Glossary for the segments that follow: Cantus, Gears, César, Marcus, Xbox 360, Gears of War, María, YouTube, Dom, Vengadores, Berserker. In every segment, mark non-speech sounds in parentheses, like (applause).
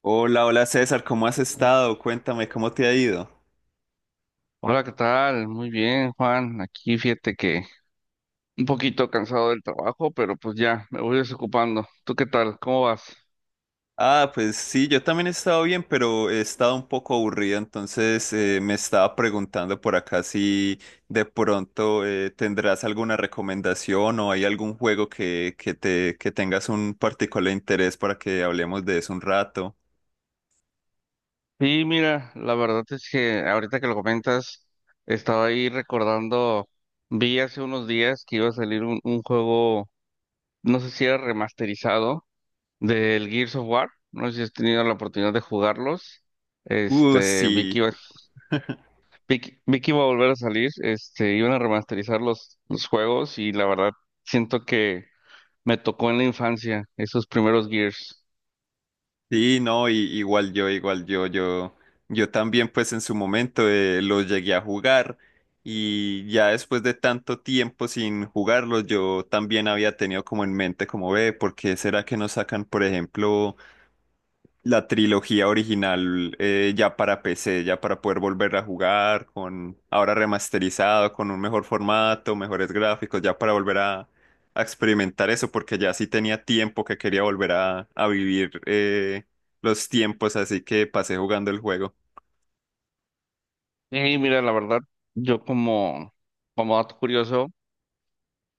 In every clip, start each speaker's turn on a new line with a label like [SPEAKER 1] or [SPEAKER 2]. [SPEAKER 1] Hola, hola César, ¿cómo has estado? Cuéntame, ¿cómo te ha ido?
[SPEAKER 2] Hola, ¿qué tal? Muy bien, Juan. Aquí fíjate que un poquito cansado del trabajo, pero pues ya me voy desocupando. ¿Tú qué tal? ¿Cómo vas?
[SPEAKER 1] Ah, pues sí, yo también he estado bien, pero he estado un poco aburrido, entonces me estaba preguntando por acá si de pronto tendrás alguna recomendación o hay algún juego que tengas un particular interés para que hablemos de eso un rato.
[SPEAKER 2] Sí, mira, la verdad es que ahorita que lo comentas, estaba ahí recordando, vi hace unos días que iba a salir un juego, no sé si era remasterizado, del Gears of War. No sé si has tenido la oportunidad de jugarlos. Este, vi que
[SPEAKER 1] Sí.
[SPEAKER 2] ibas.
[SPEAKER 1] (laughs)
[SPEAKER 2] Vic iba a volver a salir, este, iban a remasterizar los juegos y la verdad siento que me tocó en la infancia esos primeros Gears.
[SPEAKER 1] Sí, no, y yo también pues en su momento los llegué a jugar y ya después de tanto tiempo sin jugarlos yo también había tenido como en mente como ve, ¿por qué será que no sacan por ejemplo la trilogía original ya para PC, ya para poder volver a jugar con ahora remasterizado, con un mejor formato, mejores gráficos, ya para volver a experimentar eso porque ya sí tenía tiempo que quería volver a vivir los tiempos, así que pasé jugando el juego.
[SPEAKER 2] Y mira, la verdad, yo como, como dato curioso,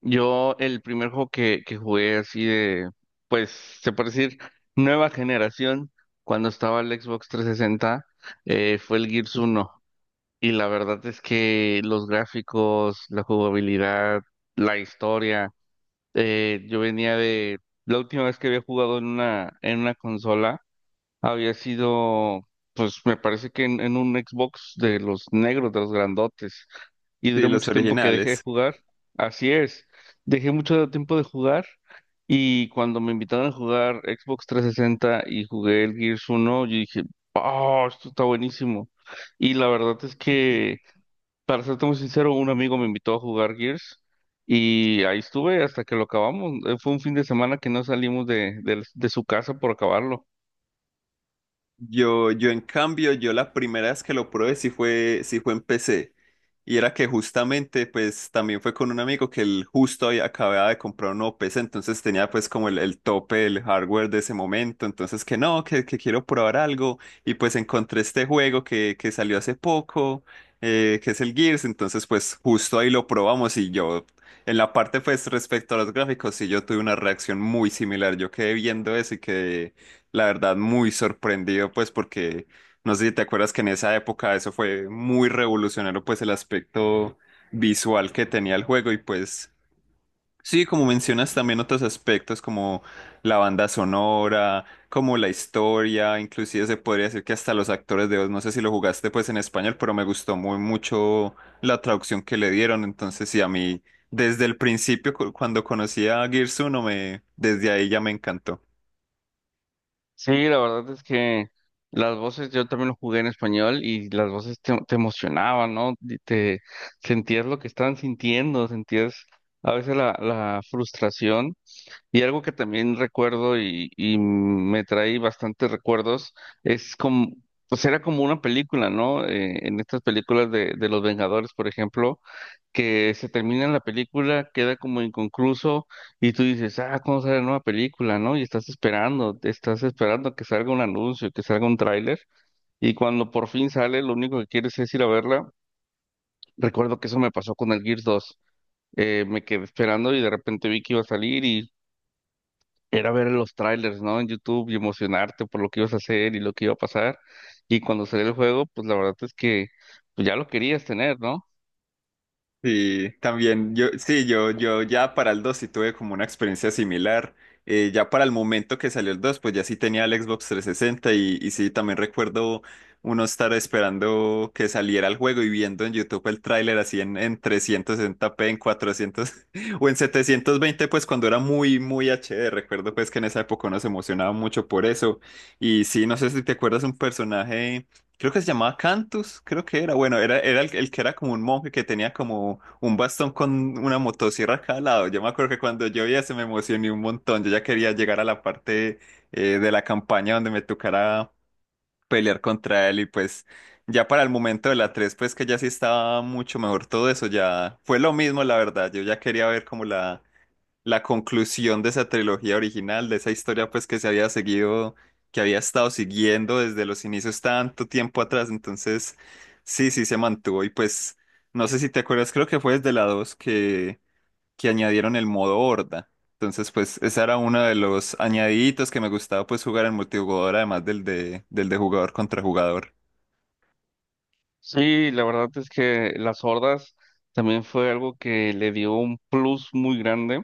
[SPEAKER 2] yo el primer juego que jugué así de, pues se puede decir, nueva generación, cuando estaba el Xbox 360, fue el Gears 1. Y la verdad es que los gráficos, la jugabilidad, la historia. Yo venía de... La última vez que había jugado en una consola había sido, pues me parece que en un Xbox de los negros, de los grandotes. Y
[SPEAKER 1] Sí,
[SPEAKER 2] duré
[SPEAKER 1] los
[SPEAKER 2] mucho tiempo que dejé de
[SPEAKER 1] originales.
[SPEAKER 2] jugar. Así es, dejé mucho tiempo de jugar. Y cuando me invitaron a jugar Xbox 360 y jugué el Gears uno yo dije, oh, esto está buenísimo. Y la verdad es que, para serte muy sincero, un amigo me invitó a jugar Gears y ahí estuve hasta que lo acabamos. Fue un fin de semana que no salimos de, de su casa por acabarlo.
[SPEAKER 1] Yo en cambio, yo la primera vez que lo probé sí fue en PC. Y era que justamente, pues también fue con un amigo que él justo había, acababa de comprar un nuevo PC, entonces tenía pues como el tope del hardware de ese momento, entonces que no, que quiero probar algo, y pues encontré este juego que salió hace poco, que es el Gears, entonces pues justo ahí lo probamos y yo, en la parte pues respecto a los gráficos, sí yo tuve una reacción muy similar, yo quedé viendo eso y quedé la verdad muy sorprendido pues porque... No sé si te acuerdas que en esa época eso fue muy revolucionario, pues el aspecto visual que tenía el juego y pues sí, como mencionas también otros aspectos como la banda sonora, como la historia, inclusive se podría decir que hasta los actores de voz, no sé si lo jugaste pues en español, pero me gustó muy mucho la traducción que le dieron, entonces sí, a mí desde el principio cuando conocí a Gears 1 me, desde ahí ya me encantó.
[SPEAKER 2] Sí, la verdad es que las voces, yo también lo jugué en español y las voces te, te emocionaban, ¿no? Y te sentías lo que estaban sintiendo, sentías a veces la, la frustración. Y algo que también recuerdo y me trae bastantes recuerdos es como, pues era como una película, ¿no? En estas películas de los Vengadores, por ejemplo, que se termina la película, queda como inconcluso y tú dices, ah, ¿cómo sale la nueva película?, ¿no? Y estás esperando que salga un anuncio, que salga un tráiler, y cuando por fin sale, lo único que quieres es ir a verla. Recuerdo que eso me pasó con el Gears dos. Me quedé esperando y de repente vi que iba a salir y era ver los trailers, ¿no? En YouTube y emocionarte por lo que ibas a hacer y lo que iba a pasar. Y cuando salió el juego, pues la verdad es que, pues, ya lo querías tener, ¿no?
[SPEAKER 1] Sí, también yo ya para el 2 sí tuve como una experiencia similar. Ya para el momento que salió el 2 pues ya sí tenía el Xbox 360 y sí, también recuerdo uno estar esperando que saliera el juego y viendo en YouTube el tráiler así en 360p, en 400 (laughs) o en 720, pues cuando era muy, muy HD. Recuerdo pues que en esa época uno se emocionaba mucho por eso. Y sí, no sé si te acuerdas un personaje creo que se llamaba Cantus, creo que era, bueno, era el que era como un monje que tenía como un bastón con una motosierra a cada lado. Yo me acuerdo que cuando yo vi se me emocioné un montón. Yo ya quería llegar a la parte de la campaña donde me tocara pelear contra él y pues ya para el momento de la 3 pues que ya sí estaba mucho mejor todo eso, ya fue lo mismo, la verdad. Yo ya quería ver como la conclusión de esa trilogía original, de esa historia pues que se había seguido, que había estado siguiendo desde los inicios tanto tiempo atrás, entonces sí, sí se mantuvo y pues no sé si te acuerdas, creo que fue desde la 2 que añadieron el modo horda, entonces pues ese era uno de los añadiditos que me gustaba pues jugar en multijugador además del de jugador contra jugador.
[SPEAKER 2] Sí, la verdad es que las hordas también fue algo que le dio un plus muy grande,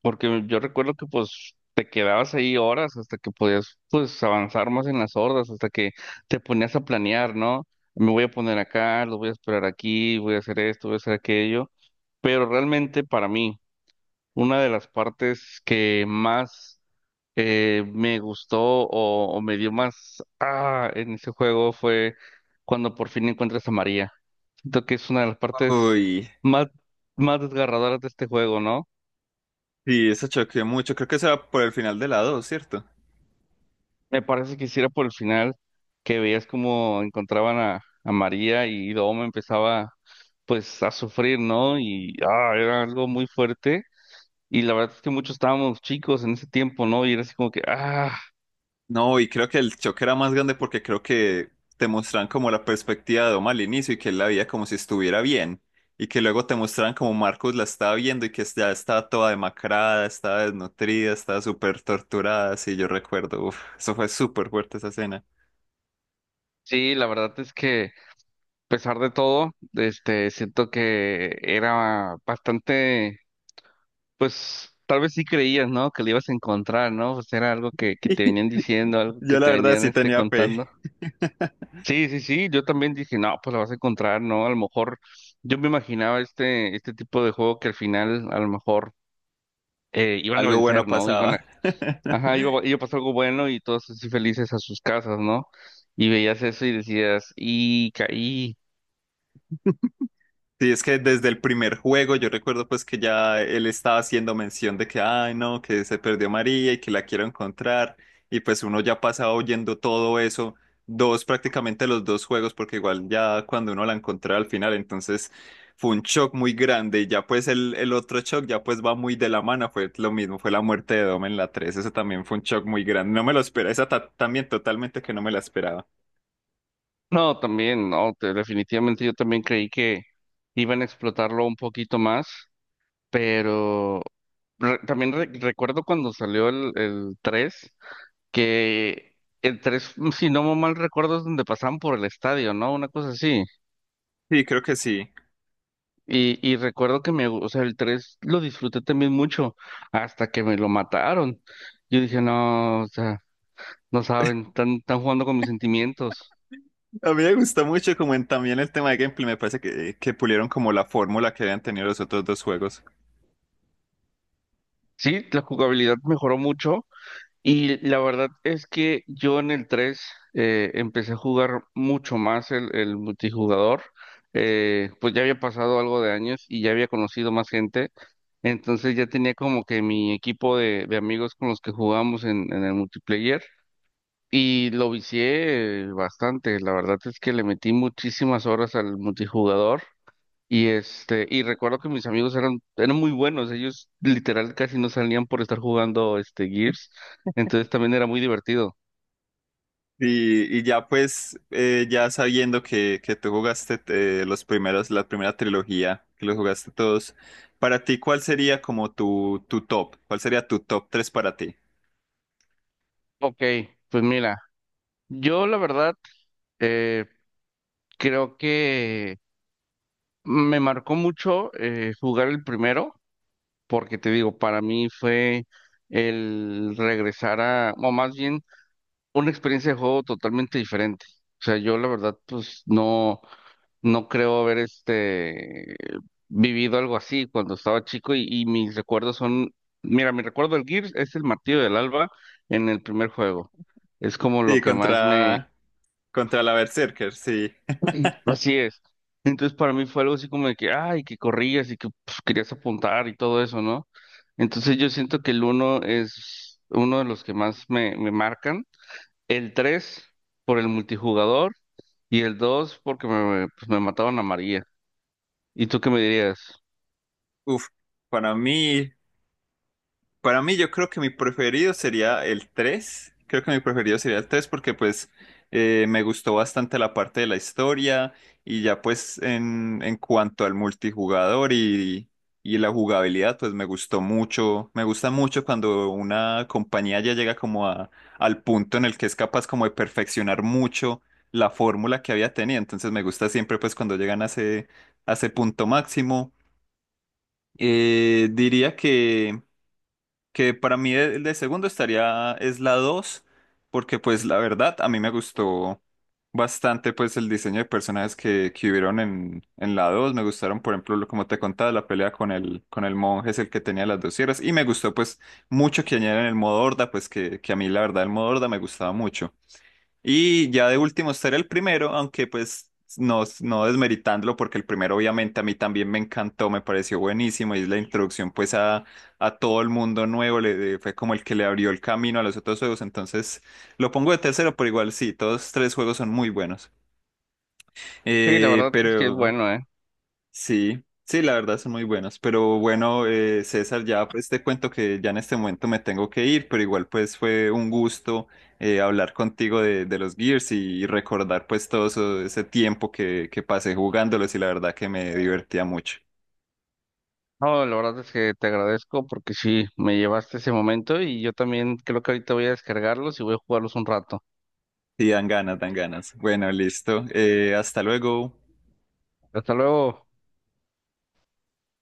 [SPEAKER 2] porque yo recuerdo que pues te quedabas ahí horas hasta que podías pues avanzar más en las hordas, hasta que te ponías a planear, ¿no? Me voy a poner acá, lo voy a esperar aquí, voy a hacer esto, voy a hacer aquello. Pero realmente para mí, una de las partes que más me gustó o me dio más ah, en ese juego fue cuando por fin encuentras a María. Siento que es una de las partes
[SPEAKER 1] Uy,
[SPEAKER 2] más, más desgarradoras de este juego, ¿no?
[SPEAKER 1] sí, eso choqueó mucho, creo que eso era por el final de la dos, ¿cierto?
[SPEAKER 2] Me parece que hiciera por el final, que veías cómo encontraban a María y Dom empezaba pues a sufrir, ¿no? Y ah, era algo muy fuerte. Y la verdad es que muchos estábamos chicos en ese tiempo, ¿no? Y era así como que, ah,
[SPEAKER 1] No, y creo que el choque era más grande porque creo que te muestran como la perspectiva de Dom al inicio y que él la veía como si estuviera bien. Y que luego te muestran como Marcus la estaba viendo y que ya estaba toda demacrada, estaba desnutrida, estaba súper torturada. Sí, yo recuerdo, uf, eso fue súper fuerte esa escena.
[SPEAKER 2] sí, la verdad es que pesar de todo, este, siento que era bastante, pues tal vez sí creías, ¿no? Que lo ibas a encontrar, ¿no? Pues era algo que te
[SPEAKER 1] (laughs)
[SPEAKER 2] venían diciendo, algo que
[SPEAKER 1] Yo la
[SPEAKER 2] te
[SPEAKER 1] verdad
[SPEAKER 2] venían
[SPEAKER 1] sí
[SPEAKER 2] este,
[SPEAKER 1] tenía fe.
[SPEAKER 2] contando.
[SPEAKER 1] (laughs)
[SPEAKER 2] Sí, sí, sí, yo también dije, no, pues lo vas a encontrar, ¿no? A lo mejor yo me imaginaba este, este tipo de juego que al final a lo mejor iban a
[SPEAKER 1] Algo bueno
[SPEAKER 2] vencer, ¿no? Iban a,
[SPEAKER 1] pasaba.
[SPEAKER 2] ajá, iba,
[SPEAKER 1] (laughs)
[SPEAKER 2] iba a pasar algo bueno y todos así felices a sus casas, ¿no? Y veías eso y decías, y caí.
[SPEAKER 1] Sí, es que desde el primer juego yo recuerdo pues que ya él estaba haciendo mención de que, ay no, que se perdió María y que la quiero encontrar. Y pues uno ya pasaba oyendo todo eso, dos prácticamente los dos juegos, porque igual ya cuando uno la encontraba al final, entonces fue un shock muy grande. Y ya pues el otro shock ya pues va muy de la mano, fue lo mismo, fue la muerte de Dom en la tres. Eso también fue un shock muy grande. No me lo esperaba, esa también totalmente que no me la esperaba.
[SPEAKER 2] No, también, no, definitivamente yo también creí que iban a explotarlo un poquito más, pero recuerdo cuando salió el 3, que el 3, mm, si no mal recuerdo, es donde pasaban por el estadio, ¿no? Una cosa así.
[SPEAKER 1] Sí, creo que sí.
[SPEAKER 2] Y recuerdo que me, o sea, el 3 lo disfruté también mucho hasta que me lo mataron. Yo dije, no, o sea, no saben, están, están jugando con mis sentimientos.
[SPEAKER 1] A mí me gustó mucho como en también el tema de gameplay, me parece que pulieron como la fórmula que habían tenido los otros dos juegos.
[SPEAKER 2] Sí, la jugabilidad mejoró mucho. Y la verdad es que yo en el 3 empecé a jugar mucho más el multijugador. Pues ya había pasado algo de años y ya había conocido más gente. Entonces ya tenía como que mi equipo de amigos con los que jugamos en el multiplayer. Y lo vicié bastante. La verdad es que le metí muchísimas horas al multijugador. Y este, y recuerdo que mis amigos eran muy buenos, ellos literal casi no salían por estar jugando este Gears, entonces también era muy divertido.
[SPEAKER 1] Y ya pues, ya sabiendo que tú jugaste los primeros, la primera trilogía, que los jugaste todos, para ti, ¿cuál sería como tu top? ¿Cuál sería tu top tres para ti?
[SPEAKER 2] Ok, pues mira, yo la verdad eh, creo que me marcó mucho jugar el primero, porque te digo, para mí fue el regresar a, o más bien, una experiencia de juego totalmente diferente. O sea, yo la verdad, pues no. No creo haber este vivido algo así cuando estaba chico y mis recuerdos son, mira, mi recuerdo del Gears es el martillo del Alba en el primer juego. Es como lo
[SPEAKER 1] Sí,
[SPEAKER 2] que más me...
[SPEAKER 1] contra, contra la Berserker, sí.
[SPEAKER 2] Sí. Así
[SPEAKER 1] (laughs)
[SPEAKER 2] es. Entonces para mí fue algo así como de que, ay, que corrías y que pues, querías apuntar y todo eso, ¿no? Entonces yo siento que el uno es uno de los que más me, me marcan. El 3 por el multijugador y el 2 porque me, pues, me mataron a María. ¿Y tú qué me dirías?
[SPEAKER 1] Uf, para mí. Para mí, yo creo que mi preferido sería el 3. Creo que mi preferido sería el 3 porque pues me gustó bastante la parte de la historia y ya pues en cuanto al multijugador y la jugabilidad, pues me gustó mucho. Me gusta mucho cuando una compañía ya llega como a, al punto en el que es capaz como de perfeccionar mucho la fórmula que había tenido. Entonces me gusta siempre pues cuando llegan a ese punto máximo. Diría que para mí el de segundo estaría es la 2 porque pues la verdad a mí me gustó bastante pues el diseño de personajes que hubieron en la dos. Me gustaron por ejemplo como te contaba la pelea con el monje es el que tenía las dos sierras y me gustó pues mucho que añadieran el modo horda pues que a mí la verdad el modo horda me gustaba mucho. Y ya de último ser el primero, aunque pues no desmeritándolo, porque el primero obviamente a mí también me encantó, me pareció buenísimo y es la introducción pues a todo el mundo nuevo, le, fue como el que le abrió el camino a los otros juegos, entonces lo pongo de tercero, pero igual sí, todos tres juegos son muy buenos.
[SPEAKER 2] Sí, la verdad es que es
[SPEAKER 1] Pero...
[SPEAKER 2] bueno, ¿eh?
[SPEAKER 1] Sí, sí, la verdad son muy buenos. Pero bueno, César, ya pues te cuento que ya en este momento me tengo que ir, pero igual pues fue un gusto hablar contigo de los Gears y recordar pues todo ese tiempo que pasé jugándolos y la verdad que me divertía mucho.
[SPEAKER 2] No, la verdad es que te agradezco porque sí, me llevaste ese momento y yo también creo que ahorita voy a descargarlos y voy a jugarlos un rato.
[SPEAKER 1] Y dan ganas, dan ganas. Bueno, listo. Hasta luego.
[SPEAKER 2] Hasta luego.